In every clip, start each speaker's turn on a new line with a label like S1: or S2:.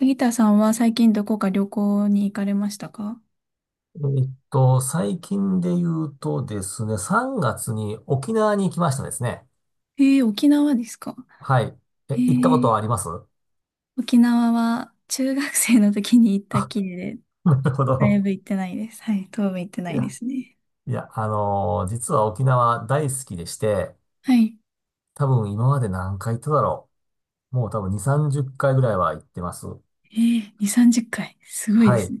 S1: ギターさんは最近どこか旅行に行かれましたか？
S2: え最近で言うとですね、3月に沖縄に行きましたですね。
S1: 沖縄ですか？
S2: はい。え、
S1: え
S2: 行ったことは
S1: ー、
S2: あります？
S1: 沖縄は中学生の時に行った
S2: あ、
S1: きりで、
S2: なるほ
S1: だい
S2: ど。
S1: ぶ行ってないです。はい、当分行ってな
S2: い
S1: いで
S2: や、
S1: すね。
S2: いや、実は沖縄大好きでして、
S1: はい。
S2: 多分今まで何回行っただろう。もう多分2、30回ぐらいは行ってます。
S1: えー、2、30回。すごいで
S2: は
S1: す
S2: い。
S1: ね。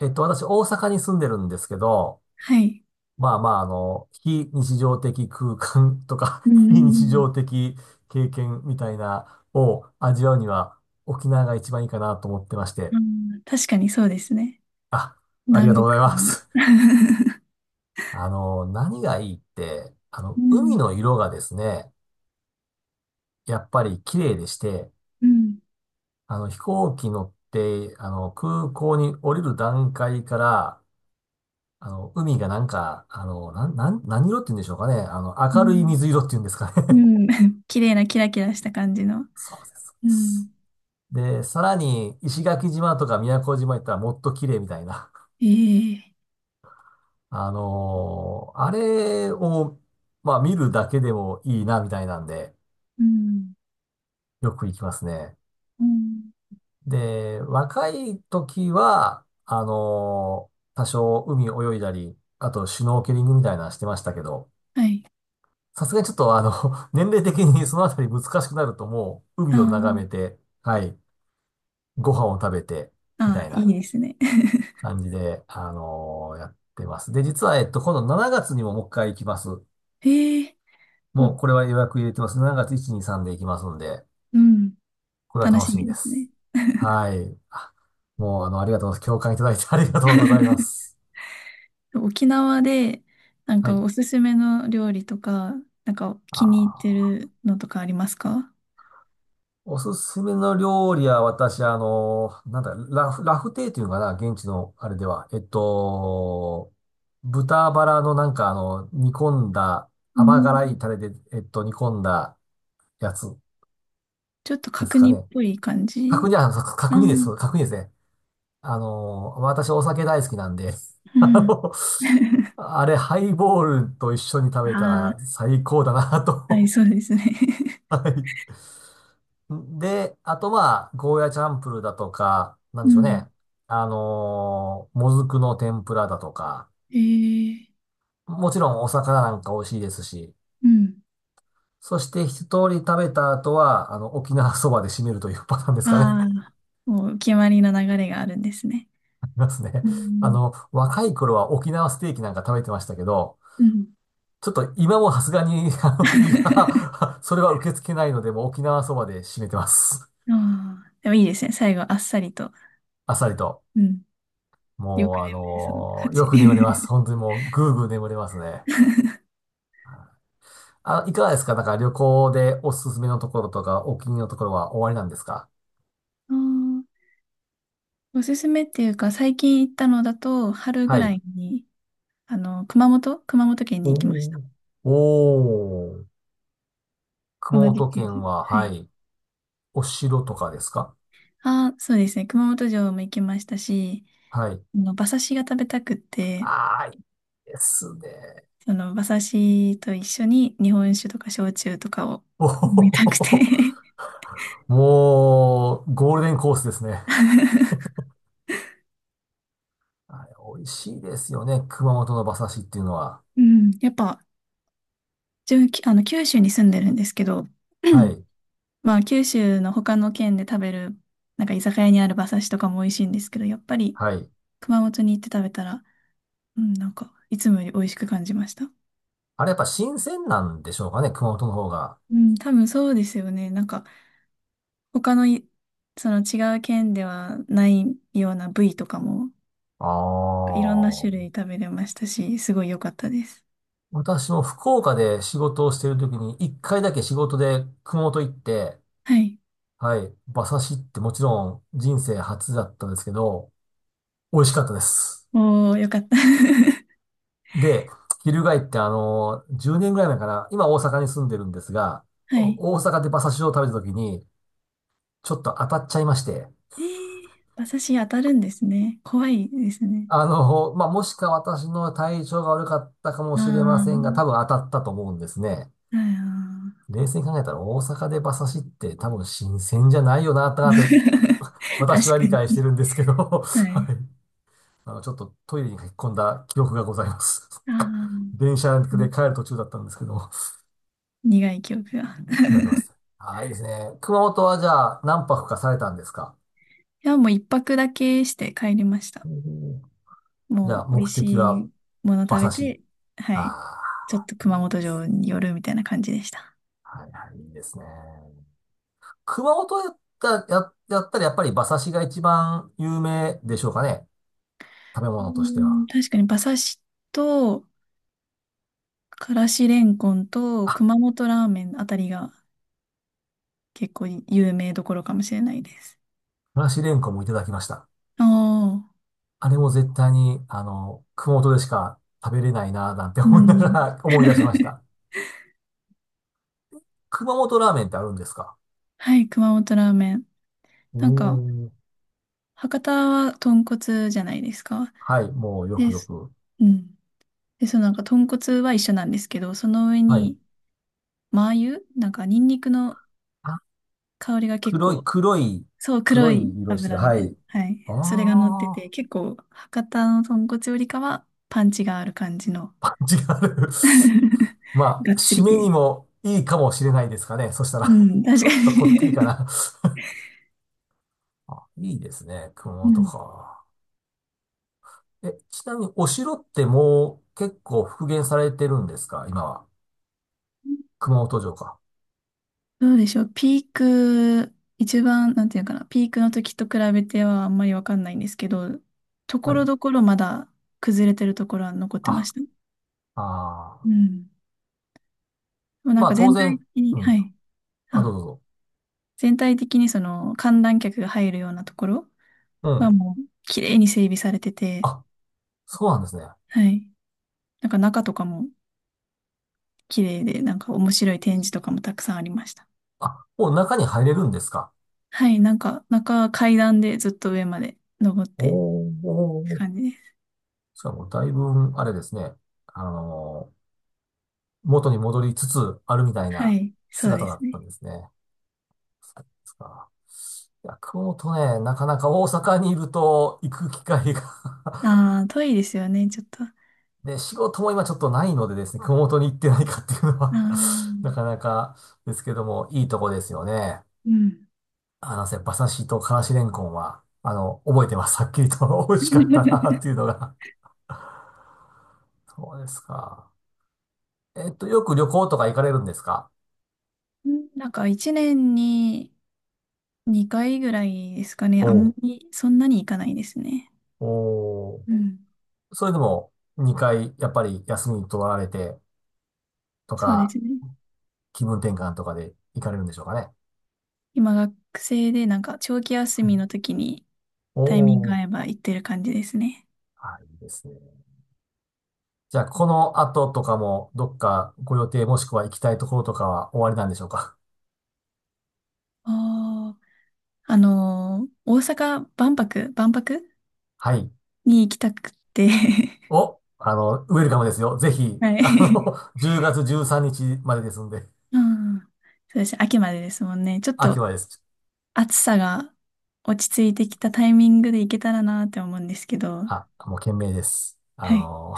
S2: 私大阪に住んでるんですけど、
S1: はい。
S2: まあまあ、非日常的空間とか
S1: う
S2: 非
S1: ん、う
S2: 日
S1: ん、
S2: 常的経験みたいなを味わうには沖縄が一番いいかなと思ってまし
S1: う
S2: て。
S1: ん、確かにそうですね。
S2: あ、あり
S1: 南
S2: がとう
S1: 国
S2: ございま
S1: 感が。
S2: す。何がいいって、
S1: う
S2: 海
S1: ん、
S2: の色がですね、やっぱり綺麗でして、
S1: うん、
S2: 飛行機乗って、空港に降りる段階から、海がなんか、なん、なん、何色って言うんでしょうかね。
S1: う
S2: 明るい
S1: ん、
S2: 水色って言うんですか
S1: う
S2: ね。
S1: ん。綺麗なキラキラした感じの。
S2: そうで
S1: う
S2: す。
S1: ん。
S2: で、さらに石垣島とか宮古島行ったらもっと綺麗みたいな。
S1: ええ、
S2: あれを、まあ見るだけでもいいなみたいなんで、
S1: うん、
S2: よく行きますね。
S1: うん。
S2: で、若い時は、多少海泳いだり、あとシュノーケリングみたいなのしてましたけど、
S1: はい。
S2: さすがにちょっと年齢的に そのあたり難しくなるともう海
S1: あ
S2: を眺めて、はい、ご飯を食べて、
S1: あ、
S2: みた
S1: ああ、
S2: い
S1: いい
S2: な。
S1: ですね。
S2: 感じで、やってます。で、実は、今度7月にももう一回行きます。
S1: へえ、ま
S2: もう、これは予約入れてます。7月1、2、3で行きますんで、
S1: うん、
S2: これは
S1: 楽
S2: 楽
S1: し
S2: しみ
S1: み
S2: で
S1: ですね。
S2: す。はい。もう、ありがとうございます。共感いただいて ありがとうございま す。
S1: 沖縄で、なん
S2: はい。
S1: かおすすめの料理とか、なんか
S2: あ
S1: 気に入って
S2: ー
S1: るのとかありますか？
S2: おすすめの料理は、私、なんだ、ラフテーっていうのかな、現地の、あれでは。豚バラのなんか、煮込んだ、
S1: う
S2: 甘辛
S1: ん、
S2: いタレで、煮込んだやつ
S1: ちょっと
S2: です
S1: 角
S2: か
S1: 煮っ
S2: ね。
S1: ぽい感
S2: 角
S1: じ。
S2: 煮、あ、そう
S1: ああ、
S2: 角煮です。角煮ですね。私お酒大好きなんで、
S1: う
S2: あ
S1: ん。
S2: の、あれ、ハイボールと一緒に食べた
S1: あ
S2: ら最高だな
S1: あ、はい、
S2: と。
S1: そうですね。
S2: はい。で、あとまあ、ゴーヤチャンプルだとか、なん
S1: う
S2: でしょう
S1: ん。
S2: ね。もずくの天ぷらだとか、
S1: へえ、
S2: もちろんお魚なんか美味しいですし、
S1: うん。
S2: そして一通り食べた後は、沖縄そばで締めるというパターンですかね。
S1: あ あ、もう決まりの流れがあるんですね。
S2: ありますね。
S1: うん。
S2: 若い頃は沖縄ステーキなんか食べてましたけど、
S1: うん。
S2: ちょっと今もさすがに、胃 が それは受け付けないので、もう沖縄そばで締めてます。
S1: ああ、でもいいですね。最後、あっさりと。
S2: あっさりと。
S1: うん。よく
S2: もう、
S1: 眠れそうな感
S2: よ
S1: じ。
S2: く眠れます。本当にもう、ぐーぐー眠れますね。あ、いかがですか？なんか旅行でおすすめのところとか、お気に入りのところは終わりなんですか？
S1: あー、おすすめっていうか、最近行ったのだと、春ぐ
S2: は
S1: ら
S2: い。
S1: いに、あの、熊本県に
S2: お
S1: 行きました。
S2: ー。おー。
S1: 同
S2: 熊
S1: じ
S2: 本
S1: 県で。
S2: 県は、
S1: は
S2: は
S1: い。
S2: い。お城とかですか？
S1: ああ、そうですね。熊本城も行きましたし、
S2: はい。
S1: あの、馬刺しが食べたくって、
S2: ああ、いいですね。
S1: その、馬刺しと一緒に日本酒とか焼酎とかを飲み
S2: お
S1: たくて。
S2: ー もう、ゴールデンコースですね。あれ、美味しいですよね。熊本の馬刺しっていうのは。
S1: うん。やっぱ、自分、あの、九州に住んでるんですけど。
S2: はい。
S1: まあ、九州の他の県で食べる、なんか居酒屋にある馬刺しとかも美味しいんですけど、やっぱり
S2: はい。
S1: 熊本に行って食べたら、うん、なんか、いつもより美味しく感じました。
S2: あれやっぱ新鮮なんでしょうかね、熊本の方が。
S1: うん、多分そうですよね。なんか、他のい、その違う県ではないような部位とかも、
S2: あ
S1: いろんな種
S2: あ、
S1: 類食べれましたし、すごい良かったです。
S2: 私も福岡で仕事をしている時に、一回だけ仕事で熊本行って、
S1: はい。
S2: はい、馬刺しってもちろん人生初だったんですけど、美味しかったです。
S1: おー、良かった。
S2: で、翻って10年ぐらい前かな、今大阪に住んでるんですが、
S1: はい。
S2: 大阪で馬刺しを食べた時に、ちょっと当たっちゃいまして、
S1: えー、馬刺し当たるんですね。怖いですね。
S2: まあ、もしか私の体調が悪かったかも
S1: あ
S2: しれま
S1: ー、
S2: せんが、多分当たったと思うんですね。
S1: あー。
S2: 冷静に考えたら大阪で馬刺しって多分新鮮じゃないよな、ってなって
S1: 確
S2: 私
S1: か
S2: は理解して
S1: に。
S2: るんですけど、
S1: は
S2: は
S1: い。
S2: い。ちょっとトイレに駆け込んだ記憶がございます。
S1: ああ、
S2: 電車
S1: う
S2: で
S1: ん、
S2: 帰る途中だったんですけど、
S1: 苦い記憶が。
S2: 今来ます。ああ、いいですね。熊本はじゃあ何泊かされたんですか？
S1: いや、もう一泊だけして帰りまし
S2: お
S1: た。
S2: ーじゃあ
S1: もう美味
S2: 目的
S1: し
S2: は
S1: いもの
S2: 馬
S1: 食べ
S2: 刺し。
S1: て、は
S2: あ
S1: い。ちょっ
S2: あ、
S1: と
S2: い
S1: 熊
S2: い
S1: 本
S2: で
S1: 城
S2: す。
S1: に寄るみたいな感じでした。
S2: はいはい、いいですね。熊本やったらやっぱり馬刺しが一番有名でしょうかね。食べ
S1: う
S2: 物として
S1: ん、
S2: は。
S1: 確かに馬刺しと、からしれんこんと、
S2: あ、
S1: 熊本ラーメンあたりが結構有名どころかもしれないです。
S2: からしれんこんもいただきました。
S1: ああ、
S2: あれも絶対に、熊本でしか食べれないなぁなんて
S1: う
S2: 思いなが
S1: ん。
S2: ら 思い出しました。熊本ラーメンってあるんですか？
S1: はい、熊本ラーメン。
S2: お
S1: なんか、
S2: ー。
S1: 博多は豚骨じゃないですか。
S2: はい、もうよ
S1: で、
S2: くよ
S1: す
S2: く。
S1: うん。で、そのなんか豚骨は一緒なんですけど、その上
S2: はい。
S1: に、マー油なんかニンニクの
S2: あ、
S1: 香りが結
S2: 黒い、
S1: 構、
S2: 黒い、
S1: そう、黒
S2: 黒い
S1: い
S2: 色してる。
S1: 油み
S2: は
S1: たいな。
S2: い。
S1: はい。
S2: あ
S1: それが乗ってて、
S2: あ、
S1: 結構、博多の豚骨よりかは、パンチがある感じの。
S2: パンチがある。ま
S1: がっ
S2: あ、
S1: つ
S2: 締
S1: り
S2: めに
S1: 系。
S2: もいいかもしれないですかね。そした
S1: う
S2: ら、
S1: ん、確
S2: ち
S1: か
S2: ょっとこってりか
S1: に。
S2: な。あ、いいですね。熊
S1: う
S2: 本
S1: ん。
S2: か。ちなみにお城ってもう結構復元されてるんですか今は。熊本城か。
S1: どうでしょう。ピーク、一番、なんていうかな、ピークの時と比べてはあんまりわかんないんですけど、とこ
S2: は
S1: ろ
S2: い。
S1: どころまだ崩れてるところは残ってま
S2: あ、
S1: した。う
S2: あ
S1: ん。でもなん
S2: ま
S1: か
S2: あ当
S1: 全体
S2: 然、
S1: 的に、
S2: う
S1: は
S2: ん。
S1: い。
S2: あ、どうぞ
S1: あ、
S2: どうぞ。
S1: 全体的にその観覧客が入るようなところ
S2: う
S1: は
S2: ん。
S1: もう綺麗に整備されてて、
S2: あ、そうなんですね。
S1: はい。なんか中とかも綺麗で、なんか面白い展示とかもたくさんありました。
S2: あ、もう中に入れるんですか？
S1: はい。なんか中階段でずっと上まで登ってっ
S2: おー
S1: て
S2: お
S1: 感
S2: ー。
S1: じです。
S2: しかもだいぶ、あれですね。あのー元に戻りつつあるみたい
S1: は
S2: な
S1: い。そうで
S2: 姿だ
S1: す
S2: った
S1: ね。
S2: んですね。そうですか。いや、熊本ね、なかなか大阪にいると行く機会が。
S1: ああ、遠いですよね、ちょっと。あ
S2: で、仕事も今ちょっとないのでですね、熊本に行ってないかっていうのは
S1: あ、
S2: なかなかですけども、いいとこですよね。
S1: うん。
S2: 馬刺しとからしれんこんは、覚えてます。はっきりと 美味しかったなっ ていうのが。そうですか。よく旅行とか行かれるんですか？
S1: なんか一年に2回ぐらいですかね。
S2: お
S1: あんま
S2: う
S1: りそんなに行かないですね。
S2: おう
S1: うん。
S2: それでも、2回、やっぱり休み取られてと
S1: そうで
S2: か、
S1: すね。
S2: 気分転換とかで行かれるんでしょうかね。
S1: 今学生でなんか長期休
S2: はい
S1: みの時に
S2: お
S1: タイミング合
S2: お、
S1: えば行ってる感じですね。
S2: はい、いいですね。じゃあ、この後とかも、どっかご予定もしくは行きたいところとかは終わりなんでしょうか？
S1: ああ、あのー大阪万博、
S2: はい。
S1: に行きたくて。
S2: お、ウェルカムですよ。ぜ ひ、
S1: は い。
S2: 10月13日までですんで、
S1: うん。そうです。秋までですもんね。ちょっ
S2: 秋
S1: と
S2: はです。
S1: 暑さが落ち着いてきたタイミングで行けたらなって思うんですけど。
S2: あ、もう懸命です。
S1: はい。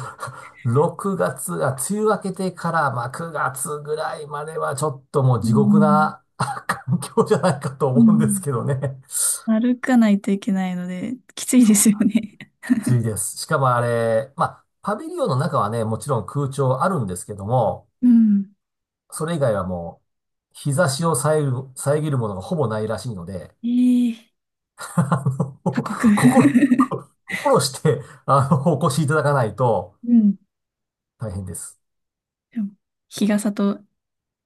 S2: 6月、梅雨明けてから、まあ、9月ぐらいまではちょっともう
S1: う
S2: 地獄
S1: ん。
S2: な 環境じゃないかと
S1: う
S2: 思うんです
S1: ん、
S2: けどね。
S1: 歩かないといけないので、きつい
S2: そ
S1: です
S2: う
S1: よ
S2: なん
S1: ね。
S2: 暑いです。しかもあれ、まあ、パビリオンの中はね、もちろん空調あるんですけども、
S1: うん。
S2: それ以外はもう、日差しを遮るものがほぼないらしいので、
S1: ええ、
S2: あの
S1: 過酷。
S2: 心、心して、お越しいただかないと
S1: うん。
S2: 大変です。
S1: でも日傘と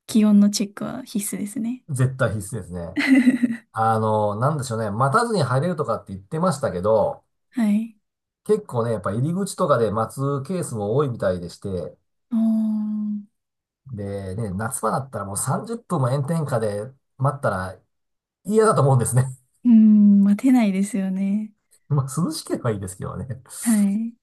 S1: 気温のチェックは必須ですね。
S2: 絶対必須ですね。なんでしょうね。待たずに入れるとかって言ってましたけど、
S1: はい。
S2: 結構ね、やっぱ入り口とかで待つケースも多いみたいでして、
S1: おー、
S2: で、ね、夏場だったらもう30分も炎天下で待ったら嫌だと思うんですね。
S1: うん、待てないですよね。
S2: まあ、涼しければいいですけどね。
S1: はい。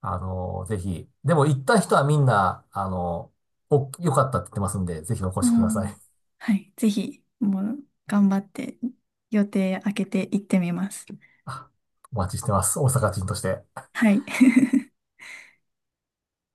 S2: ぜひ。でも行った人はみんな、良かったって言ってますんで、ぜひお越
S1: お
S2: しくださ
S1: ー、
S2: い。
S1: はい。ぜひ、もう、頑張って、予定開けて行ってみます。
S2: あお待ちしてます。大阪人として。
S1: はい。